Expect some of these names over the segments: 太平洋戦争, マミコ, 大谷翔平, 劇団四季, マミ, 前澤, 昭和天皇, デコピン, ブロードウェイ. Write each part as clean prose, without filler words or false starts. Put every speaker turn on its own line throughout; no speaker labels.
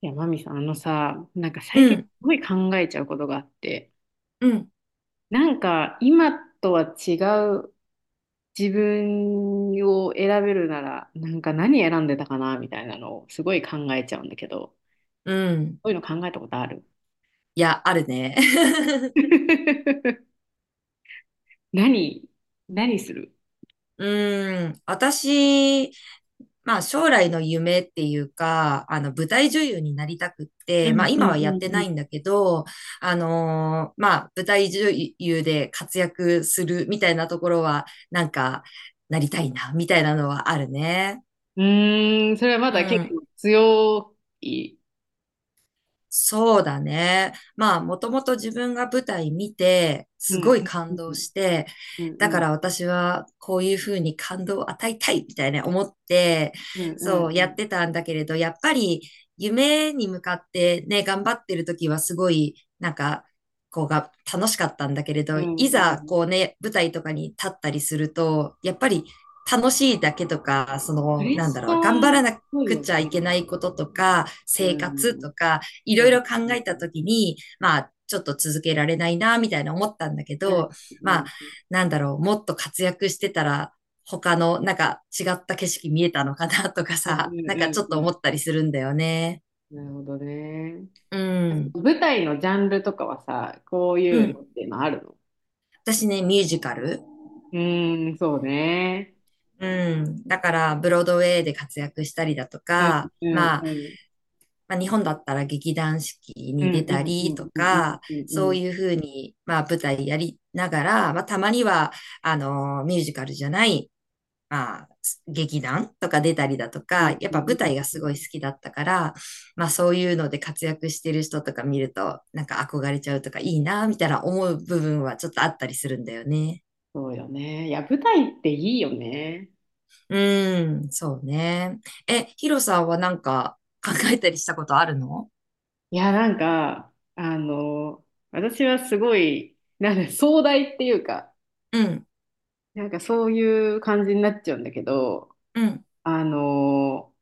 いや、マミさん、あのさ、なんか
う
最近す
ん、
ごい考えちゃうことがあって、
うん、
なんか今とは違う自分を選べるなら、なんか何選んでたかなみたいなのをすごい考えちゃうんだけど、
うん。
そういうの考えたことある？
いや、あるね。
何何する？
うん。私、まあ将来の夢っていうか、舞台女優になりたくっ
う
て、
ん、
まあ
う
今
ん、
はやって
う
な
ん、
いんだけど、まあ舞台女優で活躍するみたいなところは、なりたいな、みたいなのはあるね。
うん。うーん、それはま
う
だ結
ん。
構強い。
そうだね。まあ、もともと自分が舞台見て、
う
す
ん、
ごい
う
感動
ん、
して、
うん、
だ
う
か
ん、
ら私はこういうふうに感動を与えたいみたいな思って、
うん、
そうや
う
っ
ん、
てたんだけれど、やっぱり夢に向かってね、頑張ってる時はすごい、こうが楽しかったんだけれ
う
ど、い
ん、うん、うん、う
ざこ
ん。
うね、舞台とかに立ったりすると、やっぱり楽しいだけとか、そ
プ
の、
レッ
なんだ
シャ
ろう、頑張ら
ーっ
な
ぽい
く
よ
ちゃい
ね。
けないこととか、
う
生
ん、う
活
ん、
とか、い
う
ろいろ考
ん、
え
う
た
ん、
ときに、まあ、ちょっと続けられないな、みたいな思ったんだけ
うん、
ど、まあ、なんだろう、もっと活躍してたら、他の、なんか違った景色見えたのかなとか
う
さ、なんかちょっと思
ん、
ったりするんだよね。
なるほどね。
うん。
舞台のジャンルとかはさ、こう
う
いうの
ん。
っていうのあるの？
私ね、ミュージカル。
うーん、そうね。
うん。だから、ブロードウェイで活躍したりだと
うん、
か、
うん、
まあ、
うん、
まあ、日本だったら劇団四季
う
に
ん、
出
う
た
ん、う
りと
ん、うん、
か、
うん、
そ
う
う
ん、
いうふうに、まあ、舞台やりながら、まあ、たまには、ミュージカルじゃない、まあ、劇団とか出たりだと
う
か、
ん、
やっ
う
ぱ舞台が
ん。
すごい好きだったから、まあ、そういうので活躍してる人とか見ると、なんか憧れちゃうとか、いいな、みたいな思う部分はちょっとあったりするんだよね。
そうよね。いや、舞台っていいよね。
うん、そうね。え、ヒロさんはなんか考えたりしたことあるの？
いや、なんか、私はすごい、なんか壮大っていうか、
うん、
なんかそういう感じになっちゃうんだけど、
うん。
あの、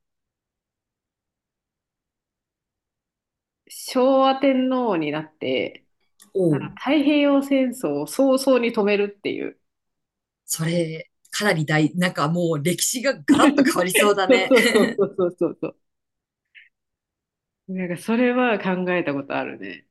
昭和天皇になって、
お
あの
う。
太平洋戦争を早々に止めるっていう。
それ、かなり大、なんかもう歴史がガラッと変わりそうだ
そう、
ね。
そう、 そう、そう、そう、そう。なんかそれは考えたことあるね。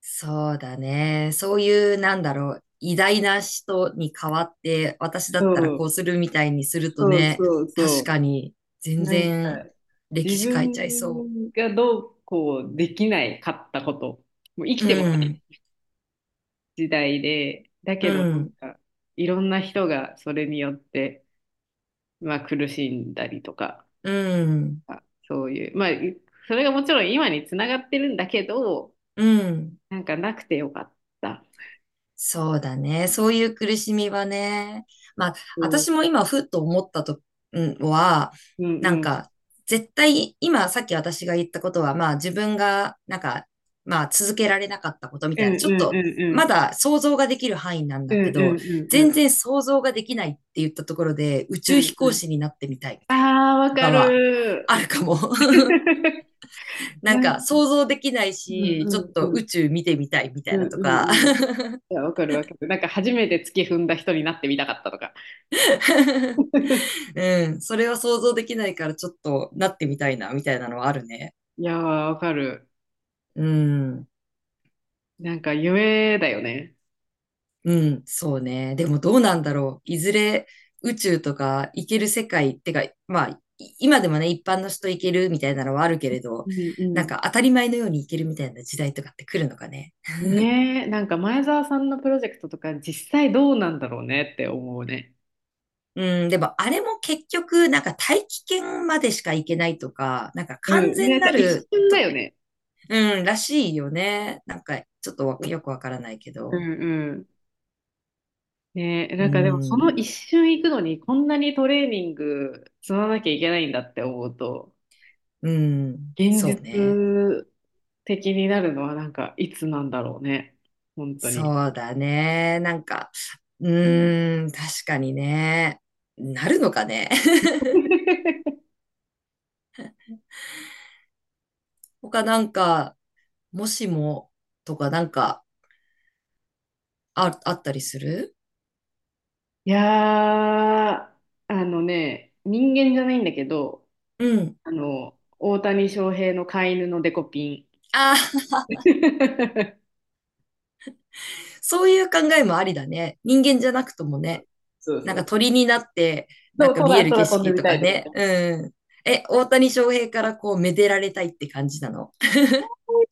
そうだね。そういう、なんだろう、偉大な人に代わって、私だ
そ
ったらこう
う、
するみたいにすると
そう、
ね、
そう、そ
確かに、
う。
全
なんか
然、歴
自
史変えちゃいそ
分がどうこうできないかったこと、もう生
う。
き
う
てもない
ん、
時代で、だ
う
けどなん
ん、
かいろんな人がそれによって、まあ、苦しんだりとか、
うん、
そういう、まあ、それがもちろん今につながってるんだけど、
うん。
なんかなくてよかった。
そうだね。そういう苦しみはね。まあ、
うん、うん、
私も今、ふっと思ったと、うんは、
う
なん
ん。
か、絶対、今、さっき私が言ったことは、まあ、自分が、なんか、まあ、続けられなかったことみ
う
た
ん、
い
うん、
な、
う
ちょっと、
ん、う
ま
ん。
だ想像ができる範囲なん
う
だ
ん、
け
う
ど、
ん、うん、う
全
ん。
然想像ができないって言ったところで、宇
う
宙
ん、
飛
う
行
ん。
士になってみたいみたい
ああ、わ
な、と
か
かは、
る
あるかも。
ー。
なん
なん、
か、想像できない
うん、
し、
う
ちょっ
ん、
と
うん。
宇宙見てみたいみた
う
い
ん、
なと
うん、う
か。
ん。い や、わかる、わかる。なんか初めて月踏んだ人になってみたかったとか。
うん。それは想像できないからちょっとなってみたいな、みたいなのはあるね。
いやー、わかる。
うん。
なんか夢だよね。
うん。そうね。でもどうなんだろう。いずれ宇宙とか行ける世界ってか、まあ、い今でもね、一般の人行けるみたいなのはあるけれど、
うん、う
なん
ん。
か当たり前のように行けるみたいな時代とかって来るのかね。
ねえ、なんか前澤さんのプロジェクトとか実際どうなんだろうねって思うね。
うん、でもあれも結局、なんか大気圏までしか行けないとか、なんか
う
完
ん、な
全
んか
な
一
る
瞬だ
と、
よね。
うん、らしいよね。なんかちょっとわよくわからないけ
う
ど。
ん。ねえ、
う
なんかでもその
ん。
一瞬行くのにこんなにトレーニング積まなきゃいけないんだって思うと、
うん、
現
そう
実
ね。
的になるのはなんかいつなんだろうね。本当に。
そうだね。なんか、うーん、確かにね。なるのかね。他なんか、もしもとかなんかあ、あったりする？
いやー、あのね、人間じゃないんだけど、
うん。
大谷翔平の飼い犬のデコピン。
ああ、そういう考えもありだね。人間じゃなくともね。
そう、
な
そ
んか
う。
鳥になって、な
そ
ん
う、
か見え
空、
る景
空飛んで
色
み
と
たい
か
とか言っ
ね。
て。
うん。え、大谷翔平からこう、めでられたいって感じなの？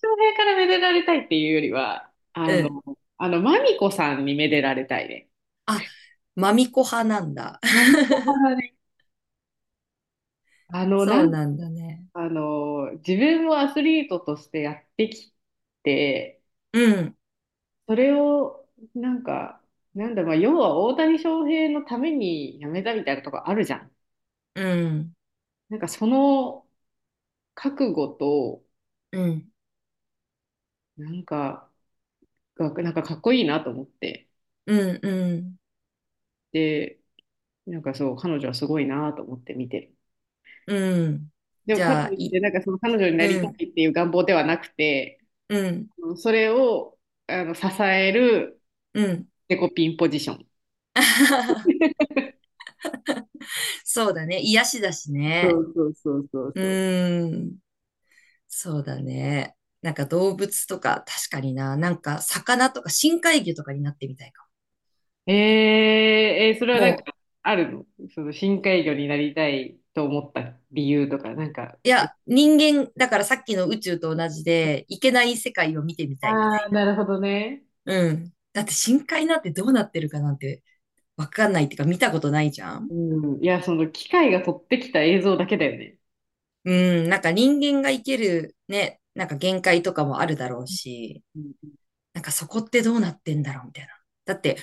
翔平からめでられたいっていうよりは、
うん。
マミコさんにめでられたいね。
あ、マミコ派なんだ。
マミコか らね、あの、な
そう
ん、
なんだね。
あの、自分もアスリートとしてやってきて、
うん。
それを、なんか、なんだ、まあ、要は大谷翔平のために辞めたみたいなとこあるじゃん。
うん、
なんかその覚悟と、
うん、
なんか、が、なんかかっこいいなと思って。
うん、うん、
で、なんかそう、彼女はすごいなと思って見てる。
うん。
でも
じ
か
ゃ
と
あ、
いっ
い、
て、なんかその彼女になり
う
た
ん、
いっていう願望ではなくて、
うん、
うん、それを支える
うん。
デコピンポジション。
そうだね。癒しだし
そ
ね。
う、そう、そう、そう、
う
そう。
ーん、そうだね。なんか動物とか、確かにな。なんか魚とか深海魚とかになってみたいか
えー、それはなん
も。も
かあるの？その深海魚になりたいと思った理由とか、なんか、
う、いや、人間、だからさっきの宇宙と同じで、いけない世界を見てみたいみた
ああ、
い。
なるほどね。
うん。だって深海なんてどうなってるかなんてわかんないっていうか見たことないじゃん。
うん、いや、その機械が撮ってきた映像だけだよね。
うん、なんか人間が生きるね、なんか限界とかもあるだろうし、
うん、
なんかそこってどうなってんだろうみたいな。だって、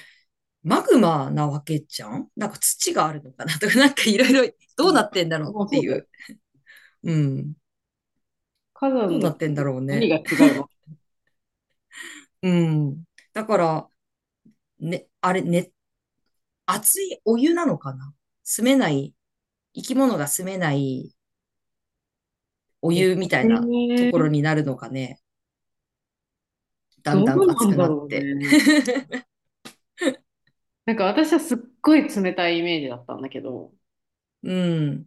マグマなわけじゃんなんか土があるのかな とか、なんかいろいろ
う
どう
ん。
なってんだろう
まあ、
って
そう
い
だよ。
う。うん。
火
ど
山
う
の
なってんだろう
何
ね。
が違うの？
うん。だから、ね、あれね、熱いお湯なのかな、住めない、生き物が住めないお
え
湯みたいなところ
ー
になるのかね。だん
どう
だん熱
なん
く
だ
なっ
ろう
て。
ね。なんか私はすっごい冷たいイメージだったんだけど、
うん。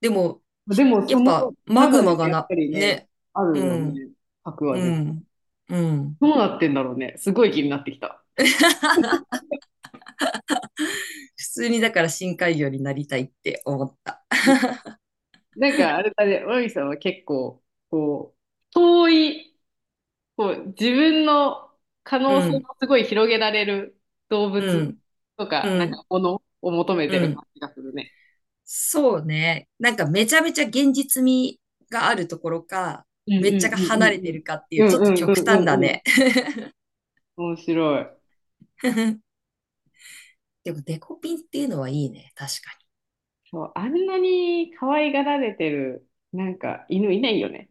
でも、
で
し
も
や
そ
っ
の
ぱ、マグ
中に
マ
は
が
やっ
な、
ぱりね、
ね。
あ
う
るよ
ん、
ね、核は
う
絶対。
ん、うん。
どうなってんだろうね、すごい気になってきた。
普通にだから深海魚になりたいって思った。
なんかあれだね、マミさんは結構、遠い、自分の可能
う
性を
ん、
すごい広げられる動
う
物
ん、
とか、
う
なん
ん、
かものを求め
う
てる感
ん。
じがするね。
そうね。なんかめちゃめちゃ現実味があるところか、
うん、う
めっちゃが
ん、うん、う
離
ん、
れ
う
て
ん。
るかってい
う
う、ち
ん、
ょっと
うん、う
極
ん、う
端
ん、
だ
うん。
ね。
面白い。
でもデコピンっていうのはいいね。確か
そう、あんなに可愛がられてる、なんか犬いないよね。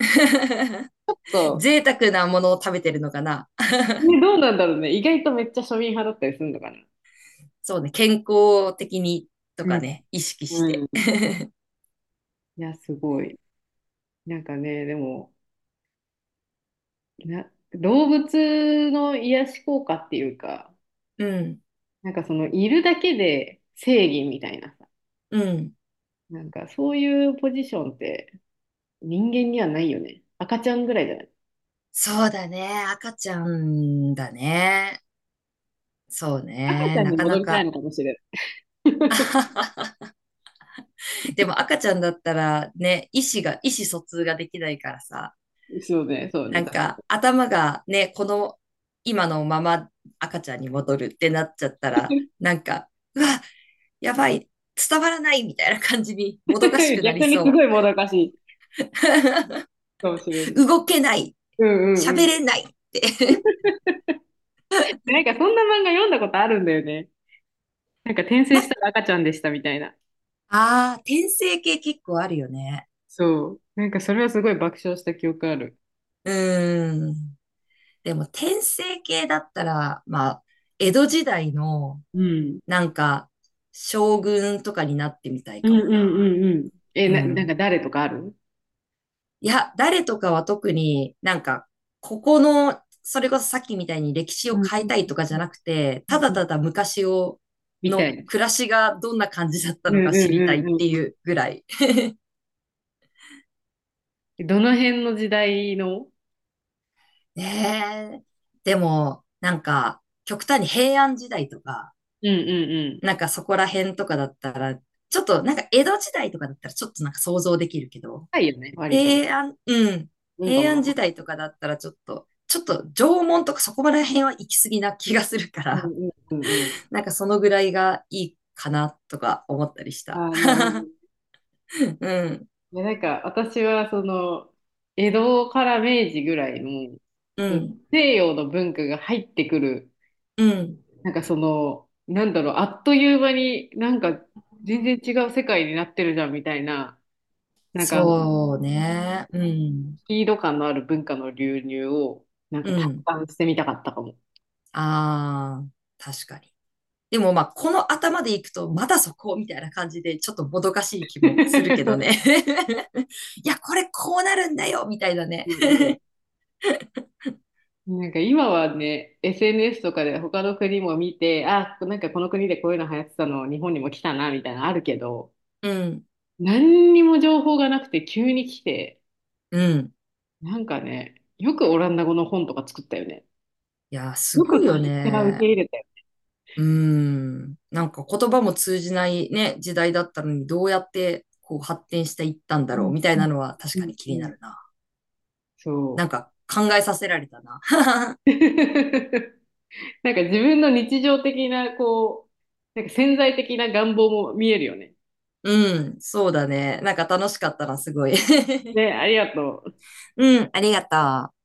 に。
そ
贅沢なものを食べてるのかな。
う。ね、どうなんだろうね。意外とめっちゃ庶民派だったりするのかな。
そうね。健康的にと
う
か
ん。
ね、意識し
う
て。
ん。いや、すごい。なんかね、でも、動物の癒し効果っていうか、
うん、
なんかその、いるだけで正義みたいなさ、
うん。
なんかそういうポジションって人間にはないよね。赤ちゃんぐらいじゃない？
そうだね。赤ちゃんだね。そう
赤ち
ね。
ゃん
な
に
かな
戻りたい
か。
のかもしれ
でも赤ちゃんだったらね、意思が、意思疎通ができないからさ、
ない。そうね、そう
な
ね。
んか頭がね、この今のまま赤ちゃんに戻るってなっちゃったら、なんか、うわ、やばい、伝わらないみたいな感じにも
多
どかし
分
くなり
逆にすご
そ
いもどかしいかもしれない。
う。動けない、
うん、うん、
喋
うん。
れないって
でなんかそんな漫画読んだことあるんだよね。なんか転生
な、
した
あ
ら赤ちゃんでしたみたいな。
あ、転生系結構あるよね。
そう。なんかそれはすごい爆笑した記憶ある。
うーん。でも、転生系だったら、まあ、江戸時代の、
うん。
なんか、将軍とかになってみたい
うん、
か
う
も
ん、
な。
うん、うん。
う
なんか
ん。
誰とかある？
いや、誰とかは特になんか、ここの、それこそさっきみたいに歴史
う
を
ん、う
変え
ん、
たい
う
とかじゃ
ん、
なくて、
う
た
ん、う
だ
ん。
ただ昔を、
みたい
の
な。
暮らしがどんな感じだった
うん、う
の
ん、
か知りたいっ
う
て
ん、
い
うん、
うぐらい。
うん。どの辺の時代の？
ええ、でも、なんか、極端に平安時代とか、
うん、うん、うん。
なんかそこら辺とかだったら、ちょっとなんか江戸時代とかだったらちょっとなんか想像できるけど、
深いよね、割と。
平安、うん、
文化
平
もな
安
か。
時代とかだったらちょっと、ちょっと縄文とかそこら辺は行き過ぎな気がするか
う
ら、
ん、うん、うん、う ん。
なんかそのぐらいがいいかなとか思ったりした。
ああ、なるほどね。
うん、
いや、なんか私はその、江戸から明治ぐらいの、
う
その
ん、
西洋の文化が入ってくる
うん。
なんかその、なんだろう、あっという間になんか全然違う世界になってるじゃんみたいな、なんか
そうね。うん、
スピード感のある文化の流入をなんか
う
体
ん。
感してみたかったかも。
ああ、確かに。でもまあ、この頭でいくと、まだそこみたいな感じで、ちょっともどかしい気もするけどね。いや、これこうなるんだよみたいなね。
うん、うん なんか今はね、SNS とかで他の国も見て、あ、なんかこの国でこういうの流行ってたの、日本にも来たな、みたいなのあるけど、
うん、
何にも情報がなくて急に来て、
うん。
なんかね、よくオランダ語の本とか作ったよね。
いや、す
よ
ご
く
いよ
カステラ受け
ね。
入れ。
うん。なんか言葉も通じないね、時代だったのに、どうやってこう発展していったん
う
だろ
ん、
うみたい
うん、
なのは確
う
か
ん、
に気
う
にな
ん、
るな。
そ
なんか考えさせられたな。
う。なんか自分の日常的な、なんか潜在的な願望も見えるよね。
うん、そうだね。なんか楽しかったな、すごい。
ね、ありがとう。
うん、ありがとう。